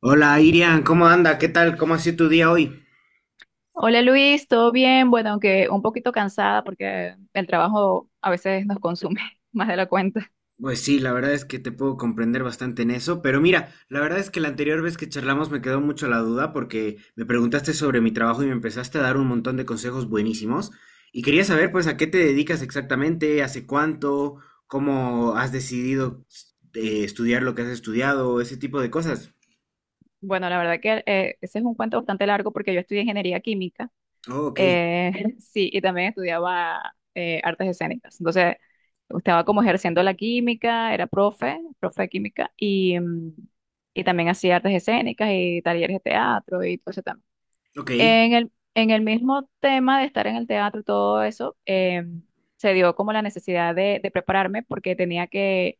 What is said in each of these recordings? Hola Irian, ¿cómo anda? ¿Qué tal? ¿Cómo ha sido tu día hoy? Hola Luis, ¿todo bien? Bueno, aunque un poquito cansada porque el trabajo a veces nos consume más de la cuenta. Pues sí, la verdad es que te puedo comprender bastante en eso, pero mira, la verdad es que la anterior vez que charlamos me quedó mucho la duda porque me preguntaste sobre mi trabajo y me empezaste a dar un montón de consejos buenísimos y quería saber pues a qué te dedicas exactamente, hace cuánto, cómo has decidido estudiar lo que has estudiado, ese tipo de cosas. Bueno, la verdad que ese es un cuento bastante largo porque yo estudié ingeniería química, Oh, ok, eh, sí, y también estudiaba artes escénicas. Entonces, estaba como ejerciendo la química, era profe de química, y también hacía artes escénicas y talleres de teatro y todo eso. ok. En el mismo tema de estar en el teatro y todo eso, se dio como la necesidad de prepararme porque tenía que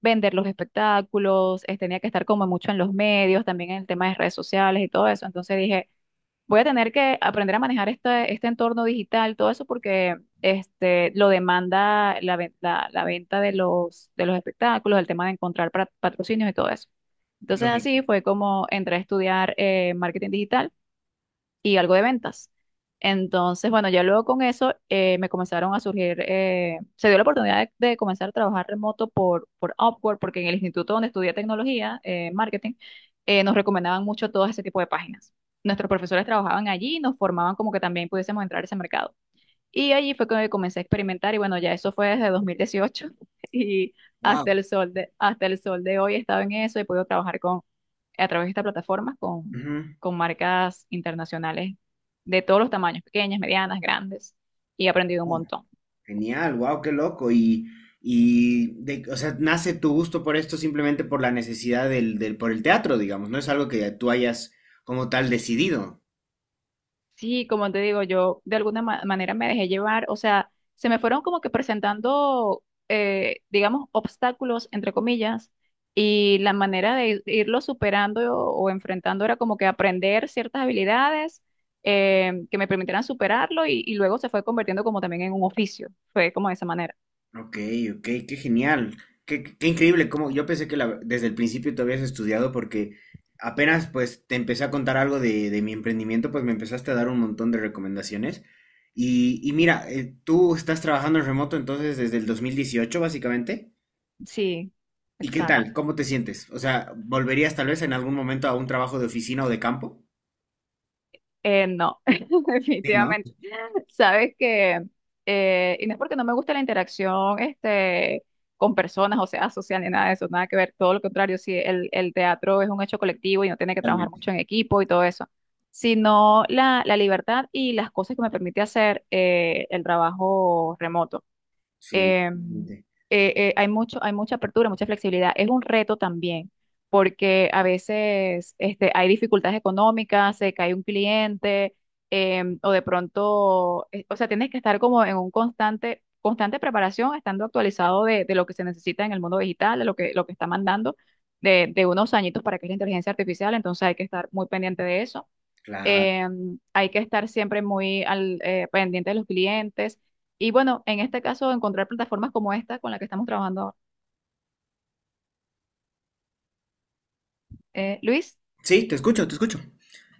vender los espectáculos, tenía que estar como mucho en los medios, también en el tema de redes sociales y todo eso. Entonces dije, voy a tener que aprender a manejar este entorno digital, todo eso porque este, lo demanda la venta de de los espectáculos, el tema de encontrar patrocinios y todo eso. Lo Entonces así mismo. fue como entré a estudiar marketing digital y algo de ventas. Entonces, bueno, ya luego con eso me comenzaron a surgir, se dio la oportunidad de comenzar a trabajar remoto por Upwork, porque en el instituto donde estudié tecnología, marketing, nos recomendaban mucho todo ese tipo de páginas. Nuestros profesores trabajaban allí y nos formaban como que también pudiésemos entrar a ese mercado. Y allí fue que comencé a experimentar y bueno, ya eso fue desde 2018 y Wow. hasta el sol de, hasta el sol de hoy he estado en eso, he podido trabajar a través de esta plataforma con marcas internacionales de todos los tamaños, pequeñas, medianas, grandes, y he aprendido un montón. Genial, wow, qué loco. O sea, nace tu gusto por esto simplemente por la necesidad por el teatro, digamos. No es algo que tú hayas como tal decidido. Sí, como te digo, yo de alguna manera me dejé llevar, o sea, se me fueron como que presentando, digamos, obstáculos, entre comillas, y la manera de irlo superando o enfrentando era como que aprender ciertas habilidades. Que me permitieran superarlo y luego se fue convirtiendo como también en un oficio, fue como de esa manera. Ok, ok, qué genial. Qué increíble. Como yo pensé que desde el principio tú habías estudiado porque apenas pues te empecé a contar algo de mi emprendimiento, pues me empezaste a dar un montón de recomendaciones. Y mira, tú estás trabajando en remoto entonces desde el 2018 básicamente. Sí, ¿Y qué tal? exacto. ¿Cómo te sientes? O sea, ¿volverías tal vez en algún momento a un trabajo de oficina o de campo? No, Sí, ¿no? definitivamente. Sabes que, y no es porque no me gusta la interacción con personas, o sea, social ni nada de eso, nada que ver, todo lo contrario, si el teatro es un hecho colectivo y no tiene que trabajar mucho Totalmente. en equipo y todo eso, sino la libertad y las cosas que me permite hacer el trabajo remoto, Sí, em, totalmente. Hay mucho, hay mucha apertura, mucha flexibilidad. Es un reto también, porque a veces este, hay dificultades económicas, se cae un cliente, o de pronto, o sea, tienes que estar como en un constante preparación, estando actualizado de lo que se necesita en el mundo digital, de lo que está mandando, de unos añitos para que es la inteligencia artificial, entonces hay que estar muy pendiente de eso. Claro. eh, Hay que estar siempre muy al, pendiente de los clientes. Y bueno, en este caso, encontrar plataformas como esta con la que estamos trabajando. Luis. Sí, te escucho, te escucho.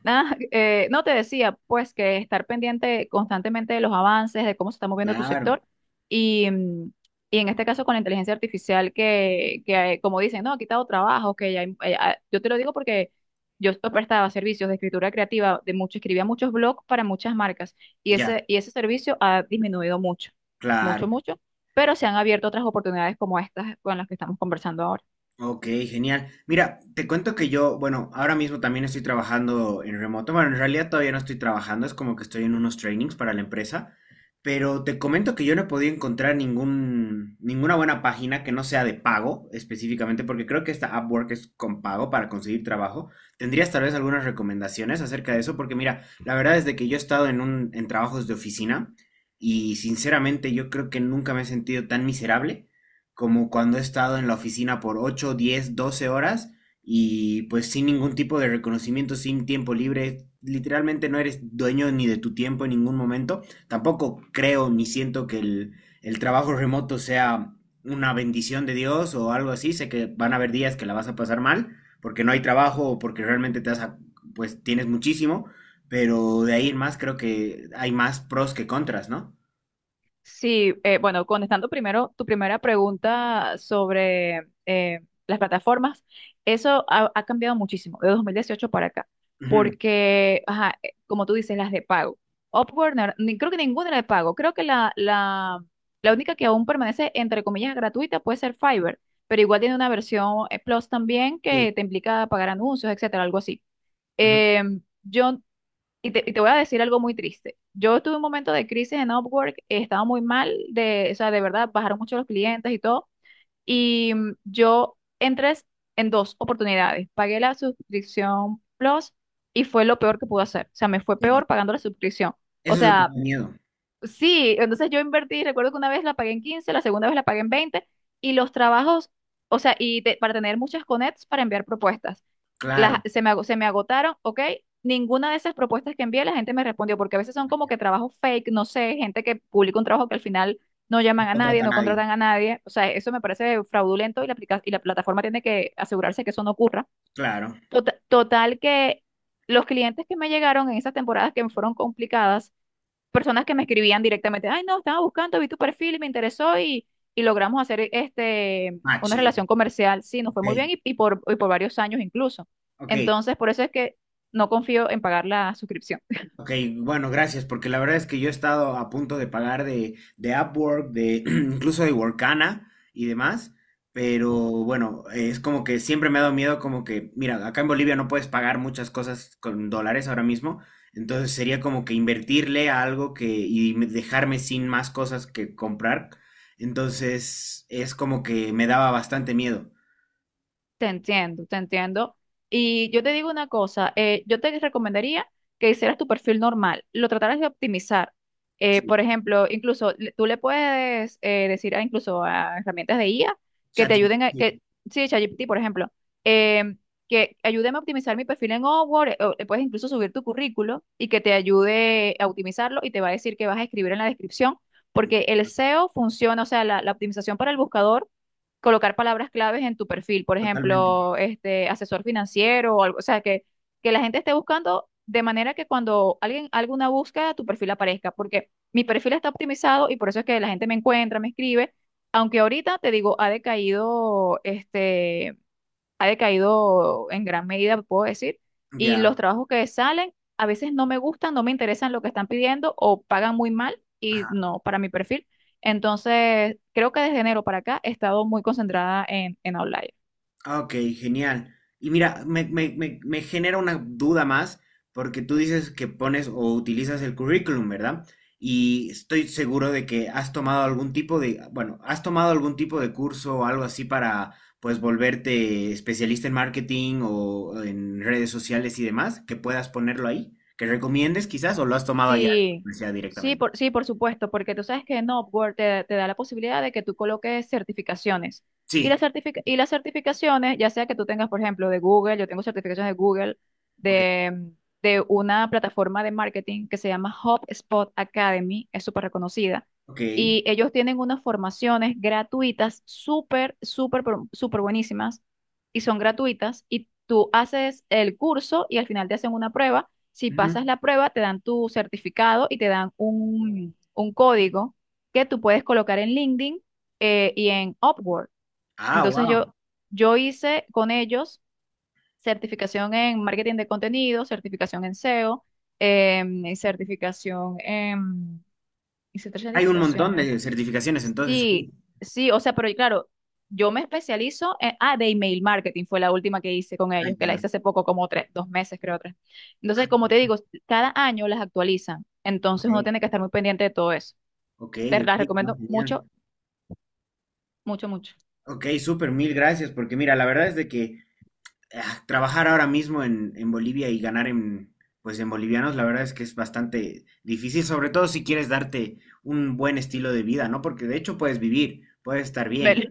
Ah, no te decía, pues que estar pendiente constantemente de los avances, de cómo se está moviendo tu Claro, sector y, mm, y en este caso con la inteligencia artificial que como dicen, no, ha quitado trabajo, que ya, yo te lo digo porque yo esto prestaba servicios de escritura creativa, de mucho, escribía muchos blogs para muchas marcas ya, y ese servicio ha disminuido mucho, mucho, claro. mucho, pero se han abierto otras oportunidades como estas con las que estamos conversando ahora. Ok, genial. Mira, te cuento que yo, bueno, ahora mismo también estoy trabajando en remoto. Bueno, en realidad todavía no estoy trabajando, es como que estoy en unos trainings para la empresa, pero te comento que yo no he podido encontrar ningún, ninguna buena página que no sea de pago específicamente, porque creo que esta Upwork es con pago para conseguir trabajo. ¿Tendrías tal vez algunas recomendaciones acerca de eso? Porque mira, la verdad es de que yo he estado en un, en trabajos de oficina y sinceramente yo creo que nunca me he sentido tan miserable como cuando he estado en la oficina por 8, 10, 12 horas y pues sin ningún tipo de reconocimiento, sin tiempo libre, literalmente no eres dueño ni de tu tiempo en ningún momento. Tampoco creo ni siento que el trabajo remoto sea una bendición de Dios o algo así. Sé que van a haber días que la vas a pasar mal porque no hay trabajo o porque realmente pues tienes muchísimo, pero de ahí en más creo que hay más pros que contras, ¿no? Sí, bueno, contestando primero tu primera pregunta sobre las plataformas, eso ha, ha cambiado muchísimo de 2018 para acá, Ujú, porque, ajá, como tú dices, las de pago. Upwork, no era- ni, creo que ninguna era de pago, creo que la única que aún permanece, entre comillas, gratuita puede ser Fiverr, pero igual tiene una versión Plus también sí. que te implica pagar anuncios, etcétera, algo así. Ujú, Yo y te voy a decir algo muy triste. Yo tuve un momento de crisis en Upwork, estaba muy mal, de, o sea, de verdad, bajaron mucho los clientes y todo. Y yo entré en dos oportunidades. Pagué la suscripción Plus y fue lo peor que pude hacer. O sea, me fue sí. peor pagando la suscripción. O Eso es lo que me sea, da miedo. sí, entonces yo invertí, recuerdo que una vez la pagué en 15, la segunda vez la pagué en 20 y los trabajos, o sea, para tener muchas connects para enviar propuestas. Las, Claro, se me agotaron, ¿ok? Ninguna de esas propuestas que envié la gente me respondió porque a veces son como que trabajos fake, no sé, gente que publica un trabajo que al final no no llaman a nadie, contrata a no nadie. contratan a nadie, o sea, eso me parece fraudulento y y la plataforma tiene que asegurarse que eso no ocurra. Claro, Total que los clientes que me llegaron en esas temporadas que me fueron complicadas, personas que me escribían directamente, ay, no, estaba buscando, vi tu perfil y me interesó y logramos hacer este, match, una digo. relación comercial. Sí, nos fue Ok, muy bien y por varios años incluso. ok, Entonces, por eso es que no confío en pagar la suscripción. ok. Bueno, gracias, porque la verdad es que yo he estado a punto de pagar de Upwork, de incluso de Workana y demás, pero bueno, es como que siempre me ha dado miedo, como que, mira, acá en Bolivia no puedes pagar muchas cosas con dólares ahora mismo, entonces sería como que invertirle a algo que y dejarme sin más cosas que comprar, entonces es como que me daba bastante miedo. Te entiendo, te entiendo. Y yo te digo una cosa, yo te recomendaría que hicieras tu perfil normal, lo trataras de optimizar. Sí, Por ejemplo, tú le puedes decir a, incluso a herramientas de IA que te ayuden ChatGPT. Sí, ChatGPT, por ejemplo, em, que ayúdeme a optimizar mi perfil en Upwork, o le puedes incluso subir tu currículo y que te ayude a optimizarlo y te va a decir que vas a escribir en la descripción, porque el SEO funciona, o sea, la optimización para el buscador, colocar palabras claves en tu perfil, por Totalmente. ejemplo, este asesor financiero o algo, o sea, que la gente esté buscando de manera que cuando alguien haga una búsqueda, tu perfil aparezca, porque mi perfil está optimizado y por eso es que la gente me encuentra, me escribe, aunque ahorita te digo, ha decaído en gran medida, puedo decir, y los Ya. trabajos que salen a veces no me gustan, no me interesan lo que están pidiendo o pagan muy mal y Ajá. no para mi perfil. Entonces, creo que desde enero para acá he estado muy concentrada en Outlier. Ah, ok, genial. Y mira, me genera una duda más, porque tú dices que pones o utilizas el currículum, ¿verdad? Y estoy seguro de que has tomado algún tipo de, bueno, has tomado algún tipo de curso o algo así para, pues, volverte especialista en marketing o en redes sociales y demás, que puedas ponerlo ahí, que recomiendes quizás, o lo has tomado allá, Sí, o sea directamente. Sí, por supuesto, porque tú sabes que en Upwork te da la posibilidad de que tú coloques certificaciones. Sí. Y las certificaciones, ya sea que tú tengas, por ejemplo, de Google, yo tengo certificaciones de Google, Ok. de, mm, de una plataforma de marketing que se llama HubSpot Academy, es súper reconocida. Ok. Y ellos tienen unas formaciones gratuitas, súper buenísimas, y son gratuitas. Y tú haces el curso y al final te hacen una prueba, si Ujú. pasas la prueba, te dan tu certificado y te dan un código que tú puedes colocar en LinkedIn y en Upwork. Ah, Entonces wow. yo hice con ellos certificación en marketing de contenido, certificación en SEO, y certificación en... Hice tres Hay un montón certificaciones. de certificaciones, entonces. Sí, sí, o sea, pero claro, yo me especializo en, ah, de email marketing fue la última que hice con Ah, ellos, que la ya. hice hace poco, como tres, dos meses, creo, tres. Entonces, como te digo, cada año las actualizan, Ok, entonces uno tiene que estar muy pendiente de todo eso. ok, Te ok, las no, recomiendo genial. mucho, mucho, mucho. Ok, súper, mil gracias, porque mira, la verdad es de que ah, trabajar ahora mismo en Bolivia y ganar en, pues en bolivianos, la verdad es que es bastante difícil, sobre todo si quieres darte un buen estilo de vida, ¿no? Porque de hecho puedes vivir, puedes estar Del- bien.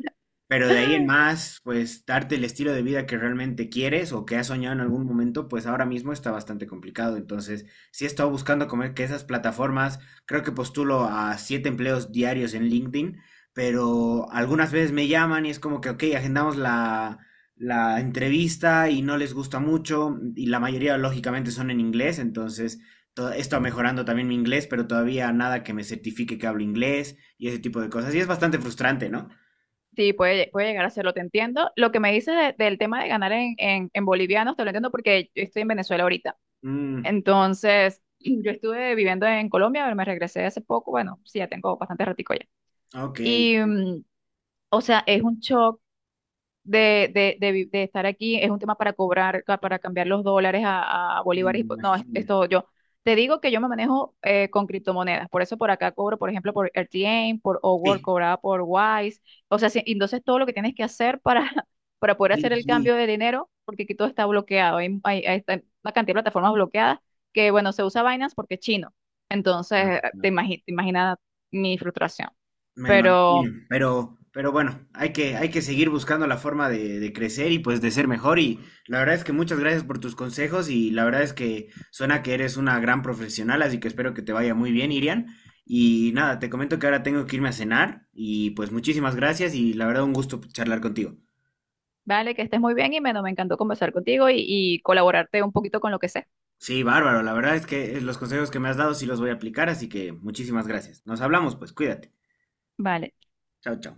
Pero de ahí en más, pues darte el estilo de vida que realmente quieres o que has soñado en algún momento, pues ahora mismo está bastante complicado. Entonces, sí he estado buscando comer que esas plataformas, creo que postulo a 7 empleos diarios en LinkedIn, pero algunas veces me llaman y es como que, ok, agendamos la entrevista y no les gusta mucho y la mayoría lógicamente son en inglés, entonces he estado mejorando también mi inglés, pero todavía nada que me certifique que hablo inglés y ese tipo de cosas. Y es bastante frustrante, ¿no? Sí, puede, puede llegar a hacerlo. Te entiendo. Lo que me dices del tema de ganar en bolivianos, te lo entiendo porque yo estoy en Venezuela ahorita. Mm. Entonces, yo estuve viviendo en Colombia, pero me regresé hace poco, bueno, sí, ya tengo bastante ratico ya. Ah, ok, me Y o sea, es un shock de estar aquí, es un tema para cobrar, para cambiar los dólares a bolívares. No, imagino. es todo yo. Te digo que yo me manejo con criptomonedas, por eso por acá cobro, por ejemplo, por RTM, por Upwork, Sí, cobraba por Wise. O sea, sí, y entonces todo lo que tienes que hacer para, para poder sí, hacer el sí. cambio de dinero, porque aquí todo está bloqueado, hay una cantidad de plataformas bloqueadas que, bueno, se usa Binance porque es chino. Ah, Entonces, no, te imaginas mi frustración. me imagino. Pero Pero bueno, hay que seguir buscando la forma de crecer y pues de ser mejor. Y la verdad es que muchas gracias por tus consejos y la verdad es que suena que eres una gran profesional, así que espero que te vaya muy bien, Irian. Y nada, te comento que ahora tengo que irme a cenar y pues muchísimas gracias y la verdad un gusto charlar contigo. vale, que estés muy bien, Jimeno. Me encantó conversar contigo y colaborarte un poquito con lo que sé. Sí, bárbaro, la verdad es que los consejos que me has dado sí los voy a aplicar, así que muchísimas gracias. Nos hablamos, pues cuídate. Vale. Chao, chao.